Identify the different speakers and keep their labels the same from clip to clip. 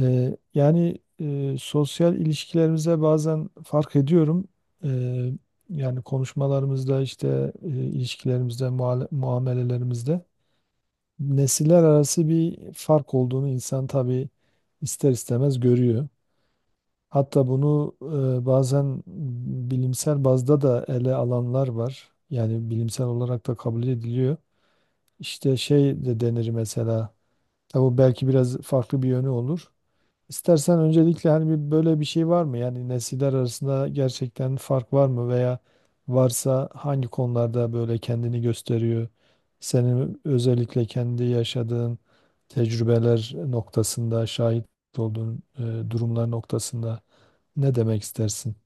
Speaker 1: Yani sosyal ilişkilerimize bazen fark ediyorum. Ee, yani konuşmalarımızda işte ilişkilerimizde, muamelelerimizde nesiller arası bir fark olduğunu insan tabii ister istemez görüyor. Hatta bunu bazen bilimsel bazda da ele alanlar var. Yani bilimsel olarak da kabul ediliyor. İşte şey de denir mesela. Tabii bu belki biraz farklı bir yönü olur. İstersen öncelikle hani bir böyle bir şey var mı? Yani nesiller arasında gerçekten fark var mı, veya varsa hangi konularda böyle kendini gösteriyor? Senin özellikle kendi yaşadığın tecrübeler noktasında şahit olduğun durumlar noktasında ne demek istersin?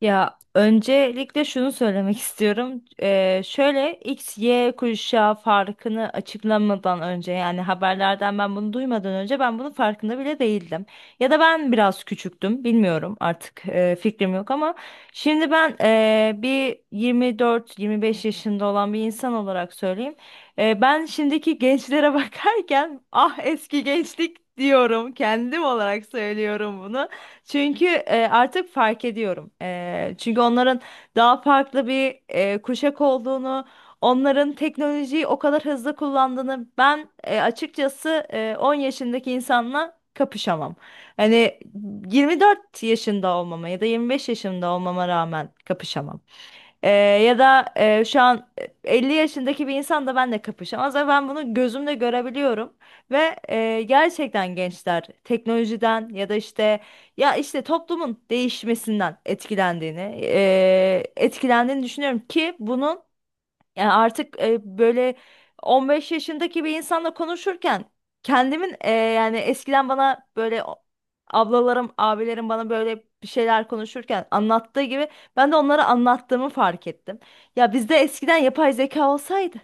Speaker 2: Ya öncelikle şunu söylemek istiyorum. Şöyle X, Y kuşağı farkını açıklamadan önce, yani haberlerden ben bunu duymadan önce, ben bunun farkında bile değildim. Ya da ben biraz küçüktüm, bilmiyorum artık, fikrim yok ama şimdi ben bir 24-25 yaşında olan bir insan olarak söyleyeyim. Ben şimdiki gençlere bakarken ah eski gençlik diyorum, kendim olarak söylüyorum bunu. Çünkü artık fark ediyorum. Çünkü onların daha farklı bir kuşak olduğunu, onların teknolojiyi o kadar hızlı kullandığını ben açıkçası 10 yaşındaki insanla kapışamam. Hani 24 yaşında olmama ya da 25 yaşında olmama rağmen kapışamam. Ee, Ya da şu an 50 yaşındaki bir insan da benimle kapışamaz ama ben bunu gözümle görebiliyorum ve gerçekten gençler teknolojiden ya da işte toplumun değişmesinden etkilendiğini düşünüyorum ki bunun, yani artık böyle 15 yaşındaki bir insanla konuşurken kendimin, yani eskiden bana böyle ablalarım, abilerim bana böyle bir şeyler konuşurken anlattığı gibi ben de onlara anlattığımı fark ettim. Ya bizde eskiden yapay zeka olsaydı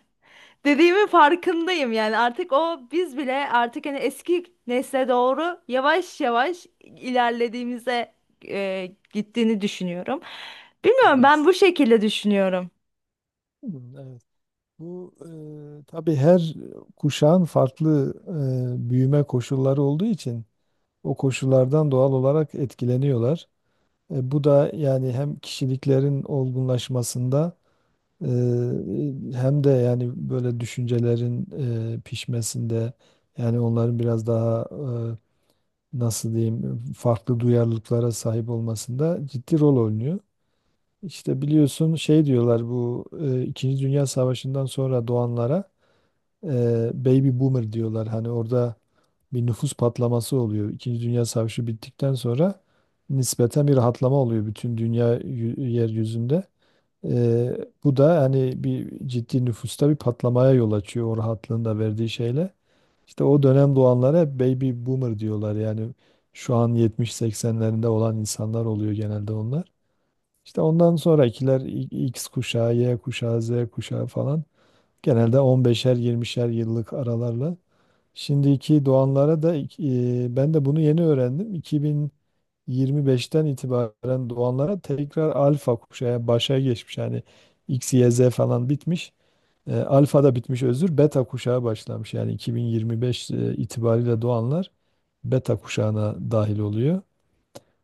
Speaker 2: dediğimin farkındayım, yani artık o biz bile artık hani eski nesle doğru yavaş yavaş ilerlediğimize, gittiğini düşünüyorum. Bilmiyorum, ben
Speaker 1: Evet.
Speaker 2: bu şekilde düşünüyorum.
Speaker 1: Hmm, evet. Bu tabii her kuşağın farklı büyüme koşulları olduğu için o koşullardan doğal olarak etkileniyorlar. Bu da yani hem kişiliklerin olgunlaşmasında e, hem de yani böyle düşüncelerin pişmesinde, yani onların biraz daha nasıl diyeyim, farklı duyarlılıklara sahip olmasında ciddi rol oynuyor. İşte biliyorsun, şey diyorlar, bu İkinci Dünya Savaşı'ndan sonra doğanlara baby boomer diyorlar. Hani orada bir nüfus patlaması oluyor. İkinci Dünya Savaşı bittikten sonra nispeten bir rahatlama oluyor bütün dünya yeryüzünde. E, bu da hani bir ciddi nüfusta bir patlamaya yol açıyor, o rahatlığın da verdiği şeyle. İşte o dönem doğanlara hep baby boomer diyorlar. Yani şu an 70-80'lerinde olan insanlar oluyor genelde onlar. İşte ondan sonrakiler X kuşağı, Y kuşağı, Z kuşağı falan. Genelde 15'er 20'şer yıllık aralarla. Şimdiki doğanlara da ben de bunu yeni öğrendim. 2025'ten itibaren doğanlara tekrar alfa kuşağı başa geçmiş. Yani X, Y, Z falan bitmiş. Alfa da bitmiş, özür. Beta kuşağı başlamış. Yani 2025 itibariyle doğanlar beta kuşağına dahil oluyor.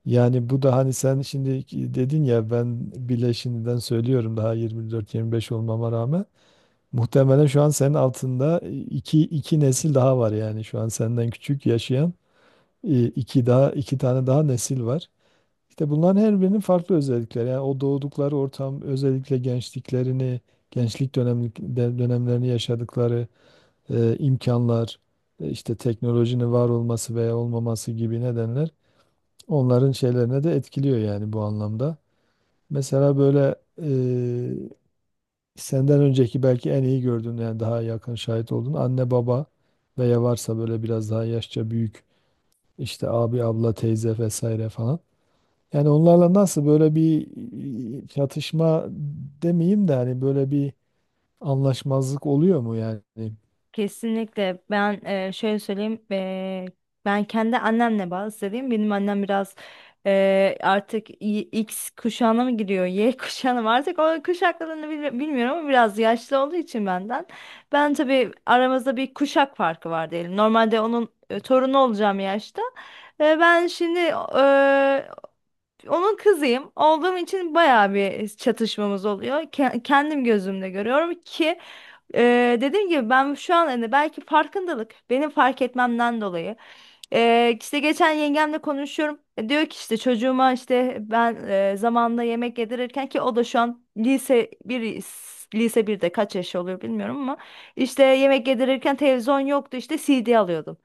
Speaker 1: Yani bu da hani, sen şimdi dedin ya, ben bile şimdiden söylüyorum daha 24-25 olmama rağmen. Muhtemelen şu an senin altında iki nesil daha var, yani şu an senden küçük yaşayan iki daha iki tane daha nesil var. İşte bunların her birinin farklı özellikleri. Yani o doğdukları ortam, özellikle gençliklerini, dönemlerini yaşadıkları imkanlar, işte teknolojinin var olması veya olmaması gibi nedenler onların şeylerine de etkiliyor, yani bu anlamda. Mesela böyle e, senden önceki belki en iyi gördüğün, yani daha yakın şahit olduğun anne baba veya varsa böyle biraz daha yaşça büyük işte abi, abla, teyze vesaire falan. Yani onlarla nasıl, böyle bir çatışma demeyeyim de hani böyle bir anlaşmazlık oluyor mu yani?
Speaker 2: Kesinlikle, ben şöyle söyleyeyim, ben kendi annemle bağlı söyleyeyim. Benim annem biraz artık X kuşağına mı giriyor, Y kuşağına mı, artık o kuşaklarını bilmiyorum ama biraz yaşlı olduğu için benden, ben tabii aramızda bir kuşak farkı var diyelim, normalde onun torunu olacağım yaşta. Ben şimdi e, onun kızıyım olduğum için bayağı bir çatışmamız oluyor. Kendim gözümle görüyorum ki, dediğim gibi, ben şu an, hani belki farkındalık benim fark etmemden dolayı, işte geçen yengemle konuşuyorum. Diyor ki işte çocuğuma, işte ben zamanında yemek yedirirken, ki o da şu an lise bir, lise birde kaç yaş oluyor bilmiyorum, ama işte yemek yedirirken televizyon yoktu, işte CD alıyordum.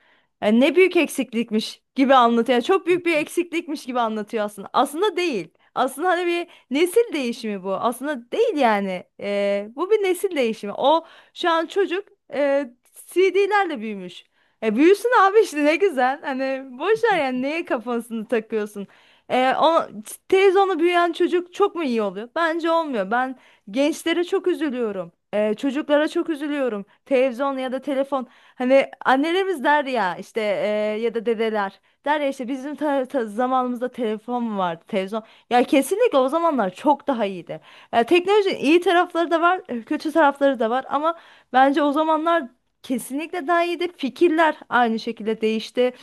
Speaker 2: Ne büyük eksiklikmiş gibi anlatıyor. Yani çok büyük bir eksiklikmiş gibi anlatıyor aslında. Aslında değil. Aslında hani bir nesil değişimi bu. Aslında değil yani. Bu bir nesil değişimi. O şu an çocuk e, CD'lerle büyümüş. E büyüsün abi, işte ne güzel. Hani boş ver yani, neye kafasını takıyorsun. E, o, Teyze onu büyüyen çocuk çok mu iyi oluyor? Bence olmuyor. Ben gençlere çok üzülüyorum. Çocuklara çok üzülüyorum. Televizyon ya da telefon. Hani annelerimiz der ya işte, ya da dedeler. Der ya işte bizim zamanımızda telefon mu vardı, televizyon? Ya kesinlikle o zamanlar çok daha iyiydi. Teknolojinin iyi tarafları da var, kötü tarafları da var ama bence o zamanlar kesinlikle daha iyiydi. Fikirler aynı şekilde değişti.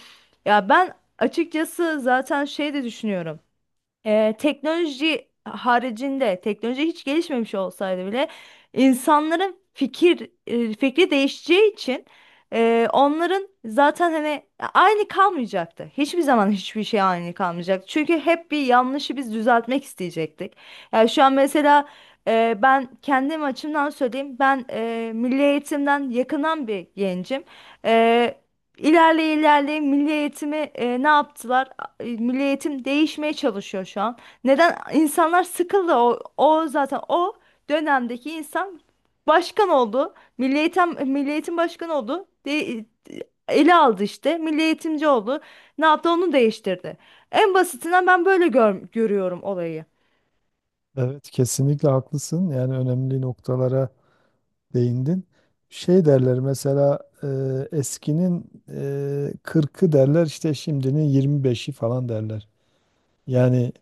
Speaker 2: Ya ben açıkçası zaten şey de düşünüyorum. Teknoloji haricinde, teknoloji hiç gelişmemiş olsaydı bile insanların fikri değişeceği için onların zaten hani aynı kalmayacaktı. Hiçbir zaman hiçbir şey aynı kalmayacaktı. Çünkü hep bir yanlışı biz düzeltmek isteyecektik. Yani şu an mesela ben kendim açımdan söyleyeyim. Ben milli eğitimden yakınan bir gencim. E, İlerleye ilerleye milli eğitimi ne yaptılar? Milli eğitim değişmeye çalışıyor şu an. Neden? İnsanlar sıkıldı. O zaten o dönemdeki insan başkan oldu. Milli eğitim başkanı oldu. Ele aldı işte. Milli eğitimci oldu. Ne yaptı? Onu değiştirdi. En basitinden ben böyle görüyorum olayı.
Speaker 1: Evet, kesinlikle haklısın. Yani önemli noktalara değindin. Şey derler mesela, eskinin 40'ı derler, işte şimdinin 25'i falan derler. Yani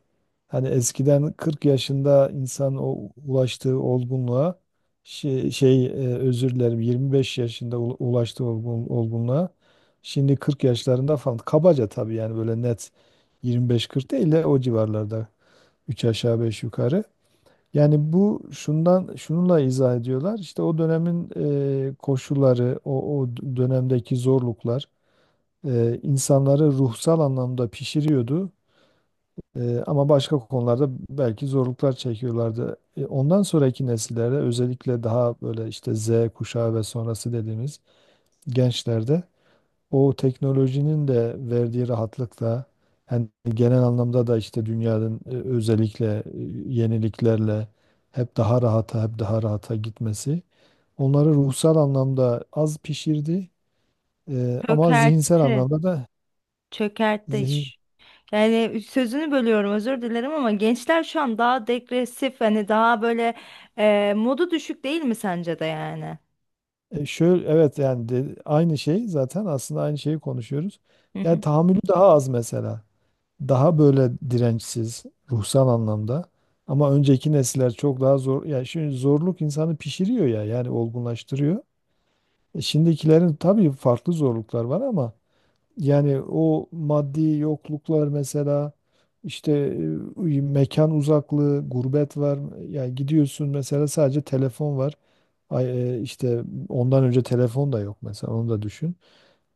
Speaker 1: hani eskiden 40 yaşında insan o ulaştığı olgunluğa, özür dilerim, 25 yaşında ulaştığı olgunluğa, şimdi 40 yaşlarında falan, kabaca tabii, yani böyle net 25-40 değil de o civarlarda, 3 aşağı 5 yukarı. Yani bu şundan, şununla izah ediyorlar: işte o dönemin koşulları, o dönemdeki zorluklar insanları ruhsal anlamda pişiriyordu. Ama başka konularda belki zorluklar çekiyorlardı. Ondan sonraki nesillerde, özellikle daha böyle işte Z kuşağı ve sonrası dediğimiz gençlerde, o teknolojinin de verdiği rahatlıkla, hani genel anlamda da işte dünyanın özellikle yeniliklerle hep daha rahata, hep daha rahata gitmesi onları ruhsal anlamda az pişirdi. Ama zihinsel
Speaker 2: Çökertti.
Speaker 1: anlamda da
Speaker 2: Çökertti
Speaker 1: zihin,
Speaker 2: iş. Yani sözünü bölüyorum, özür dilerim ama gençler şu an daha degresif, hani daha böyle modu düşük, değil mi sence de yani?
Speaker 1: Şöyle, evet, yani aynı şey, zaten aslında aynı şeyi konuşuyoruz.
Speaker 2: Hı
Speaker 1: Yani
Speaker 2: hı.
Speaker 1: tahammülü daha az mesela. Daha böyle dirençsiz ruhsal anlamda. Ama önceki nesiller çok daha zor. Yani şimdi zorluk insanı pişiriyor ya, yani olgunlaştırıyor. Şimdikilerin tabii farklı zorluklar var ama yani o maddi yokluklar mesela, işte mekan uzaklığı, gurbet var. Yani gidiyorsun mesela, sadece telefon var. İşte ondan önce telefon da yok mesela, onu da düşün.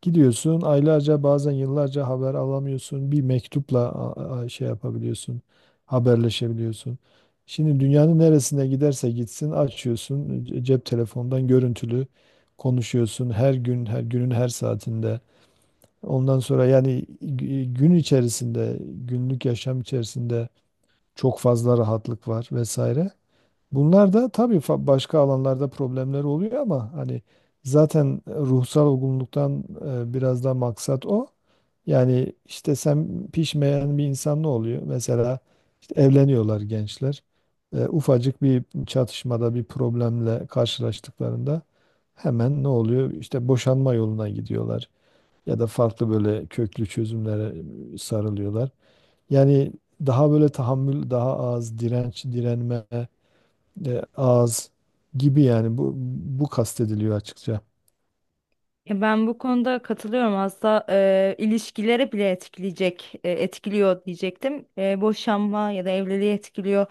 Speaker 1: Gidiyorsun aylarca, bazen yıllarca haber alamıyorsun. Bir mektupla şey yapabiliyorsun. Haberleşebiliyorsun. Şimdi dünyanın neresine giderse gitsin, açıyorsun cep telefondan görüntülü konuşuyorsun, her gün, her günün her saatinde. Ondan sonra yani gün içerisinde, günlük yaşam içerisinde çok fazla rahatlık var vesaire. Bunlar da tabii başka alanlarda problemler oluyor ama hani zaten ruhsal olgunluktan biraz da maksat o. Yani işte sen, pişmeyen bir insan ne oluyor? Mesela işte evleniyorlar gençler. Ufacık bir çatışmada, bir problemle karşılaştıklarında hemen ne oluyor? İşte boşanma yoluna gidiyorlar ya da farklı böyle köklü çözümlere sarılıyorlar. Yani daha böyle tahammül, daha az direnç, direnme az gibi, yani bu kastediliyor açıkça.
Speaker 2: Ya ben bu konuda katılıyorum. Aslında ilişkilere bile etkiliyor diyecektim. Boşanma ya da evliliği etkiliyor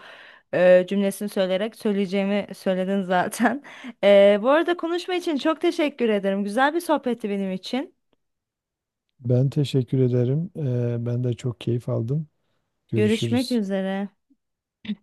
Speaker 2: cümlesini söyleyerek söyleyeceğimi söyledin zaten. Bu arada konuşma için çok teşekkür ederim. Güzel bir sohbetti benim için.
Speaker 1: Ben teşekkür ederim. Ben de çok keyif aldım.
Speaker 2: Görüşmek
Speaker 1: Görüşürüz.
Speaker 2: üzere.